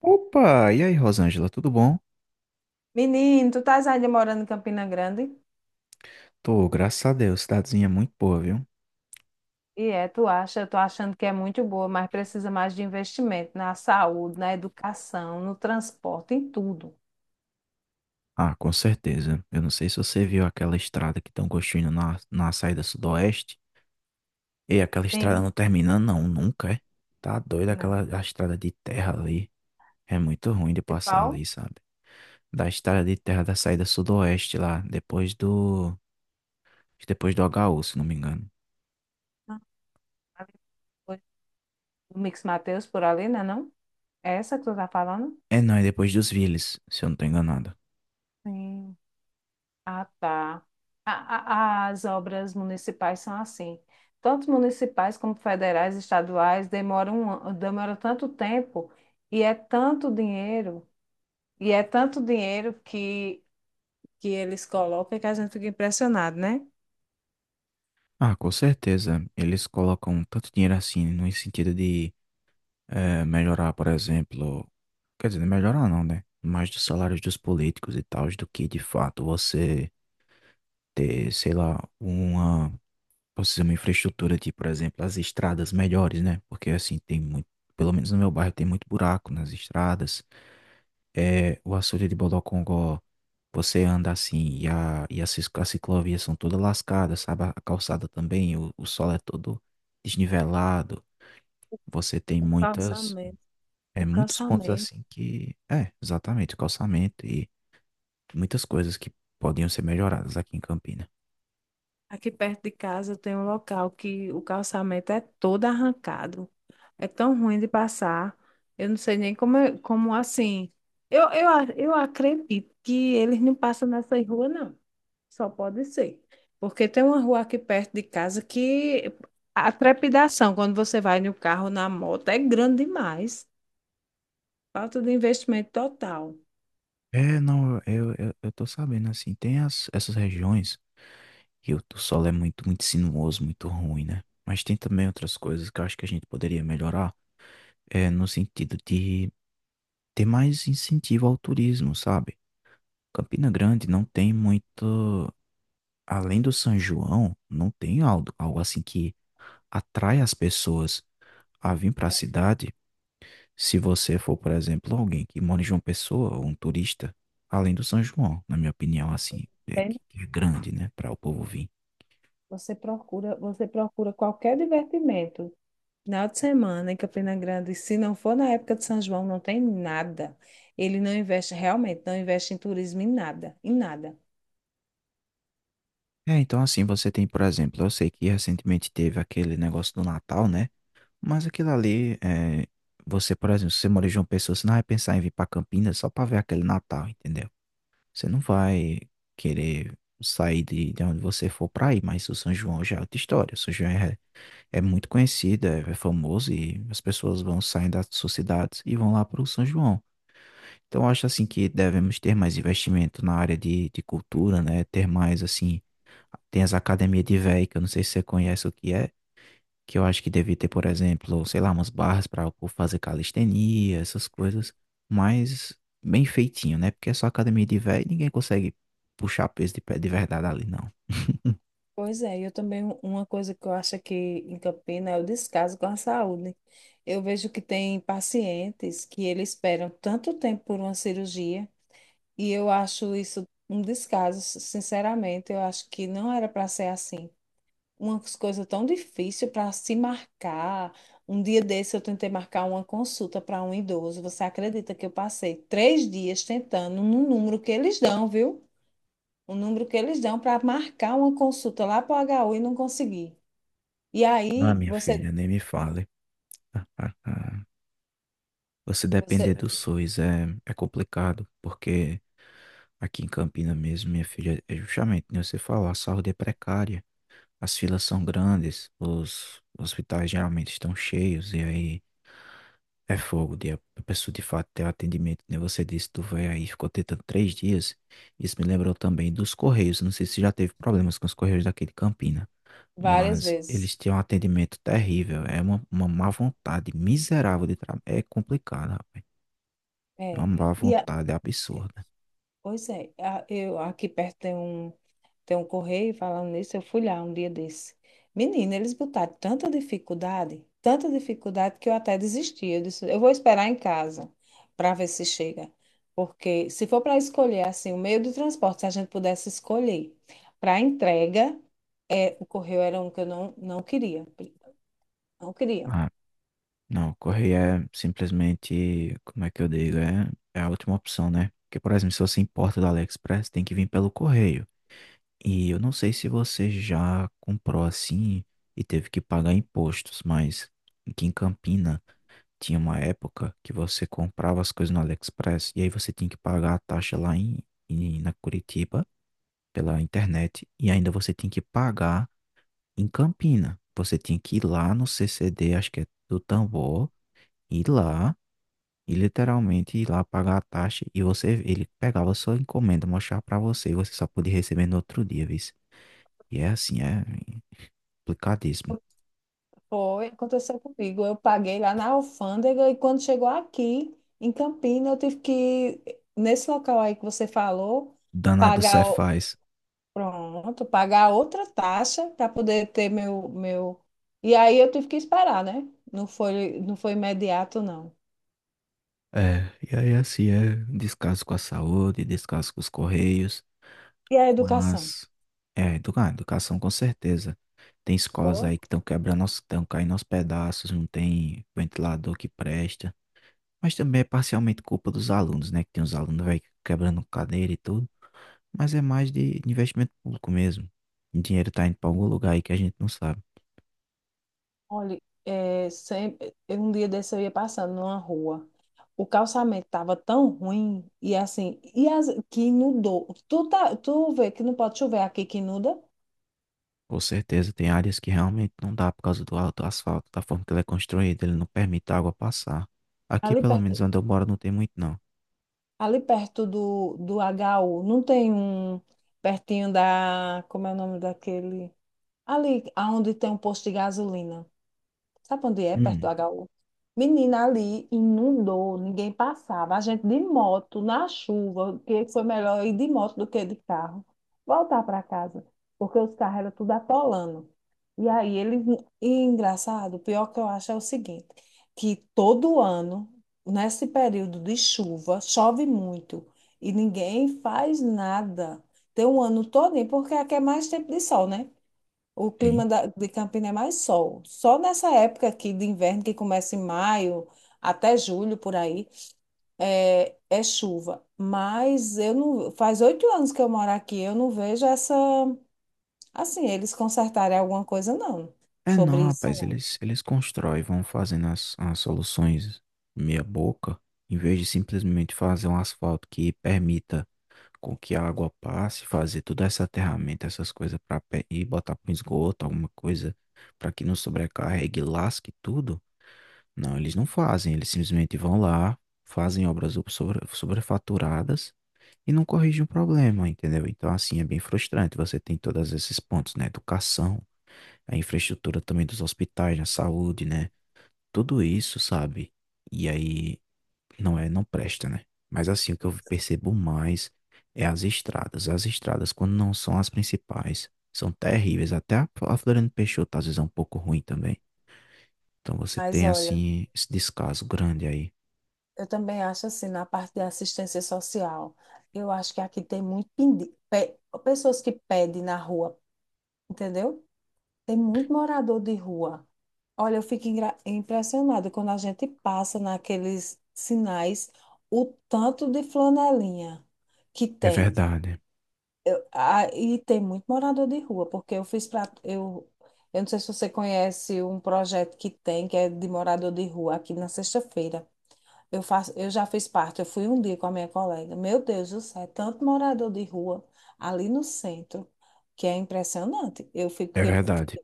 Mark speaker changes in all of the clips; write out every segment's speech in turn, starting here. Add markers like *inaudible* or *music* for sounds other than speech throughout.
Speaker 1: Opa! E aí, Rosângela, tudo bom?
Speaker 2: Menino, tu estás ainda morando em Campina Grande?
Speaker 1: Tô, graças a Deus, cidadezinha muito boa, viu?
Speaker 2: E é, tu acha, eu tô achando que é muito boa, mas precisa mais de investimento na saúde, na educação, no transporte, em tudo.
Speaker 1: Ah, com certeza. Eu não sei se você viu aquela estrada que estão construindo na saída sudoeste. Ei, aquela estrada
Speaker 2: Sim.
Speaker 1: não termina, não, nunca, é? Tá doido
Speaker 2: Não.
Speaker 1: aquela a estrada de terra ali. É muito ruim de passar
Speaker 2: Principal,
Speaker 1: ali, sabe? Da estrada de terra da saída sudoeste lá, depois do HU, se não me engano.
Speaker 2: não, ali foi o Mix Mateus por ali, né, não? É essa que tu tá falando?
Speaker 1: É, não, é depois dos Viles, se eu não tô enganado.
Speaker 2: Sim. Ah, tá. As obras municipais são assim. Tanto municipais como federais, estaduais, demoram, demora tanto tempo e é tanto dinheiro. E é tanto dinheiro que eles colocam que a gente fica impressionado, né?
Speaker 1: Ah, com certeza. Eles colocam tanto dinheiro assim, no sentido de melhorar, por exemplo, quer dizer, melhorar não, né? Mais dos salários dos políticos e tal, do que de fato você ter, sei lá, uma, posso dizer, uma infraestrutura de, por exemplo, as estradas melhores, né? Porque assim, tem muito, pelo menos no meu bairro tem muito buraco nas estradas. É, o açude de Bodocongó, você anda assim e as ciclovias são todas lascadas, sabe? A calçada também, o solo é todo desnivelado. Você tem
Speaker 2: O
Speaker 1: muitas.
Speaker 2: calçamento,
Speaker 1: É
Speaker 2: o
Speaker 1: muitos pontos
Speaker 2: calçamento.
Speaker 1: assim que. É, exatamente, o calçamento e muitas coisas que podiam ser melhoradas aqui em Campina.
Speaker 2: Aqui perto de casa tem um local que o calçamento é todo arrancado. É tão ruim de passar. Eu não sei nem como, como assim. Eu acredito que eles não passam nessa rua, não. Só pode ser. Porque tem uma rua aqui perto de casa que a trepidação, quando você vai no carro, na moto, é grande demais. Falta de investimento total.
Speaker 1: É, não, eu tô sabendo assim, tem essas regiões que o solo é muito, muito sinuoso, muito ruim, né? Mas tem também outras coisas que eu acho que a gente poderia melhorar, é, no sentido de ter mais incentivo ao turismo, sabe? Campina Grande não tem muito. Além do São João, não tem algo assim que atrai as pessoas a vir para a cidade. Se você for, por exemplo, alguém que mora em João Pessoa, ou um turista, além do São João, na minha opinião, assim, é
Speaker 2: Tem-
Speaker 1: que é grande, né, para o povo vir.
Speaker 2: Você procura qualquer divertimento. Final de semana em Campina Grande, se não for na época de São João, não tem nada. Ele não investe, realmente, não investe em turismo em nada, em nada.
Speaker 1: É, então assim, você tem, por exemplo, eu sei que recentemente teve aquele negócio do Natal, né? Mas aquilo ali, é, você, por exemplo, se você mora em João Pessoa, você não vai pensar em vir para Campinas só para ver aquele Natal, entendeu? Você não vai querer sair de onde você for para ir, mas o São João já é outra história. O São João é muito conhecido, é famoso e as pessoas vão saindo das suas cidades e vão lá para o São João. Então, eu acho assim que devemos ter mais investimento na área de cultura, né? Ter mais assim, tem as academias de véio, que eu não sei se você conhece o que é, que eu acho que devia ter, por exemplo, sei lá, umas barras para o povo fazer calistenia, essas coisas, mas bem feitinho, né? Porque é só academia de véio e ninguém consegue puxar peso de pé de verdade ali, não. *laughs*
Speaker 2: Pois é, eu também, uma coisa que eu acho que em Campina é o descaso com a saúde. Eu vejo que tem pacientes que eles esperam tanto tempo por uma cirurgia e eu acho isso um descaso, sinceramente, eu acho que não era para ser assim. Umas coisas tão difíceis para se marcar. Um dia desse eu tentei marcar uma consulta para um idoso. Você acredita que eu passei três dias tentando no número que eles dão, viu? O número que eles dão para marcar uma consulta lá para o HU e não consegui. E
Speaker 1: Ah,
Speaker 2: aí
Speaker 1: minha
Speaker 2: você,
Speaker 1: filha, nem me fale. *laughs* Você depender
Speaker 2: você
Speaker 1: do SUS é complicado, porque aqui em Campina mesmo, minha filha, é justamente, né, você falou, a saúde é precária. As filas são grandes, os hospitais geralmente estão cheios, e aí é fogo de a pessoa de fato ter o atendimento. Nem Você disse, tu vai aí, ficou tentando 3 dias. Isso me lembrou também dos Correios. Não sei se já teve problemas com os Correios daqui de Campina,
Speaker 2: várias
Speaker 1: mas eles
Speaker 2: vezes.
Speaker 1: têm um atendimento terrível. É uma má vontade miserável de trabalho. É complicado, rapaz. É uma
Speaker 2: É,
Speaker 1: má
Speaker 2: e a-
Speaker 1: vontade absurda.
Speaker 2: eu aqui perto tem um. Tem um correio falando nisso, eu fui lá um dia desse. Menina, eles botaram tanta dificuldade que eu até desisti. Eu disse, eu vou esperar em casa para ver se chega. Porque se for para escolher assim, o meio de transporte, se a gente pudesse escolher para entrega, é, o correio era um que eu não, não queria. Não queria.
Speaker 1: Ah, não, correr é simplesmente, como é que eu digo, é a última opção, né? Porque, por exemplo, se você importa do AliExpress, tem que vir pelo correio. E eu não sei se você já comprou assim e teve que pagar impostos, mas aqui em Campina tinha uma época que você comprava as coisas no AliExpress e aí você tinha que pagar a taxa lá na Curitiba pela internet e ainda você tinha que pagar em Campina. Você tinha que ir lá no CCD, acho que é do Tambor, ir lá. E literalmente ir lá pagar a taxa e você, ele pegava sua encomenda, mostrava pra você e você só podia receber no outro dia, viu? E é assim, é complicadíssimo.
Speaker 2: Foi, aconteceu comigo. Eu paguei lá na alfândega e quando chegou aqui, em Campina, eu tive que, nesse local aí que você falou,
Speaker 1: Danado
Speaker 2: pagar.
Speaker 1: Cefaz.
Speaker 2: Pronto, pagar outra taxa para poder ter meu. E aí eu tive que esperar, né? Não foi imediato, não.
Speaker 1: É, e aí assim é descaso com a saúde, descaso com os correios,
Speaker 2: E a
Speaker 1: com
Speaker 2: educação?
Speaker 1: as. É, educação com certeza. Tem escolas
Speaker 2: Boa.
Speaker 1: aí que estão quebrando, estão caindo aos pedaços, não tem ventilador que presta. Mas também é parcialmente culpa dos alunos, né? Que tem os alunos, velho, quebrando cadeira e tudo. Mas é mais de investimento público mesmo. O dinheiro está indo para algum lugar aí que a gente não sabe.
Speaker 2: Olha, é, sempre, um dia desse eu ia passando numa rua. O calçamento estava tão ruim, e assim, e as, que inundou. Tu, tá, tu vê que não pode chover aqui que inunda?
Speaker 1: Com certeza tem áreas que realmente não dá por causa do alto asfalto, da forma que ele é construído, ele não permite a água passar. Aqui,
Speaker 2: Ali
Speaker 1: pelo menos
Speaker 2: perto,
Speaker 1: onde eu moro, não tem muito não.
Speaker 2: ali perto do HU, não tem um pertinho da. Como é o nome daquele? Ali, aonde tem um posto de gasolina. Sabe onde é? Perto do
Speaker 1: Hum,
Speaker 2: HU. Menina, ali inundou, ninguém passava. A gente de moto, na chuva, que foi melhor ir de moto do que de carro. Voltar para casa, porque os carros eram tudo atolando. E aí, eles... E engraçado, o pior que eu acho é o seguinte, que todo ano, nesse período de chuva, chove muito e ninguém faz nada. Tem um ano todo, porque aqui é mais tempo de sol, né?
Speaker 1: sim.
Speaker 2: De Campina é mais sol. Só nessa época aqui de inverno, que começa em maio até julho, por aí, é chuva. Mas eu não, faz oito anos que eu moro aqui, eu não vejo essa, assim, eles consertarem alguma coisa, não,
Speaker 1: É não,
Speaker 2: sobre isso,
Speaker 1: rapaz,
Speaker 2: não.
Speaker 1: eles constroem, vão fazendo as soluções meia boca, em vez de simplesmente fazer um asfalto que permita com que a água passe, fazer toda essa aterramento, essas coisas para e botar para esgoto, alguma coisa para que não sobrecarregue, lasque tudo. Não, eles não fazem, eles simplesmente vão lá, fazem obras sobrefaturadas e não corrigem o problema, entendeu? Então, assim, é bem frustrante. Você tem todos esses pontos, né? Educação, a infraestrutura também dos hospitais, na saúde, né? Tudo isso, sabe? E aí não é, não presta, né? Mas assim, o que eu percebo mais é as estradas. As estradas, quando não são as principais, são terríveis. Até a Floriano Peixoto às vezes é um pouco ruim também. Então você
Speaker 2: Mas
Speaker 1: tem
Speaker 2: olha,
Speaker 1: assim esse descaso grande aí.
Speaker 2: eu também acho assim, na parte da assistência social, eu acho que aqui tem muito pessoas que pedem na rua, entendeu? Tem muito morador de rua. Olha, eu fico impressionada quando a gente passa naqueles sinais, o tanto de flanelinha que
Speaker 1: É
Speaker 2: tem.
Speaker 1: verdade.
Speaker 2: Ah, e tem muito morador de rua, porque eu fiz para eu não sei se você conhece um projeto que tem, que é de morador de rua, aqui na sexta-feira. Eu faço, eu já fiz parte, eu fui um dia com a minha colega. Meu Deus do céu, é tanto morador de rua ali no centro, que é impressionante. Eu
Speaker 1: É
Speaker 2: fiquei,
Speaker 1: verdade.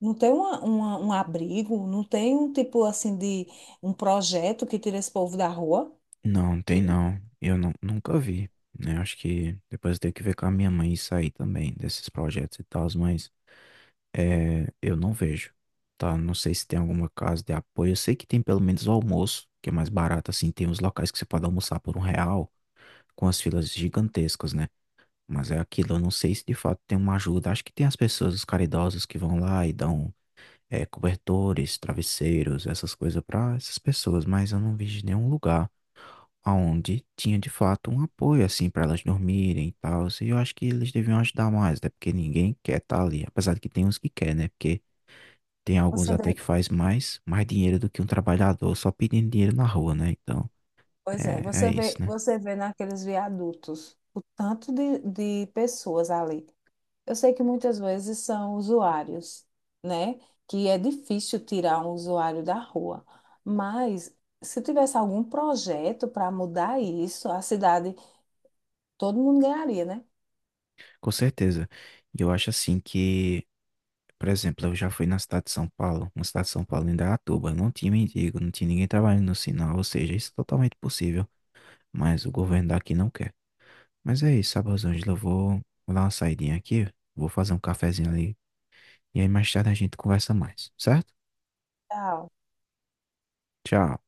Speaker 2: não tem um abrigo, não tem um tipo assim de um projeto que tira esse povo da rua.
Speaker 1: Não, tem não. Eu nunca vi, né? Acho que depois eu tenho que ver com a minha mãe isso aí também, desses projetos e tal, mas é, eu não vejo, tá? Não sei se tem alguma casa de apoio. Eu sei que tem pelo menos o almoço, que é mais barato, assim. Tem uns locais que você pode almoçar por R$ 1, com as filas gigantescas, né? Mas é aquilo, eu não sei se de fato tem uma ajuda. Acho que tem as pessoas, os caridosos que vão lá e dão, é, cobertores, travesseiros, essas coisas pra essas pessoas, mas eu não vi de nenhum lugar onde tinha de fato um apoio, assim, pra elas dormirem e tal. E eu acho que eles deviam ajudar mais, né? Porque ninguém quer estar ali, apesar de que tem uns que quer, né? Porque tem alguns
Speaker 2: Você
Speaker 1: até
Speaker 2: vê,
Speaker 1: que faz mais, mais dinheiro do que um trabalhador só pedindo dinheiro na rua, né? Então, é isso, né?
Speaker 2: você vê naqueles viadutos o tanto de pessoas ali. Eu sei que muitas vezes são usuários, né? Que é difícil tirar um usuário da rua. Mas se tivesse algum projeto para mudar isso, a cidade, todo mundo ganharia, né?
Speaker 1: Com certeza. E eu acho assim que, por exemplo, eu já fui na cidade de São Paulo, na cidade de São Paulo, em Indaiatuba, não tinha mendigo, não tinha ninguém trabalhando no sinal, ou seja, isso é totalmente possível, mas o governo daqui não quer. Mas é isso, sabe, Rosângela? Eu vou dar uma saidinha aqui, vou fazer um cafezinho ali, e aí mais tarde a gente conversa mais, certo?
Speaker 2: Tchau.
Speaker 1: Tchau.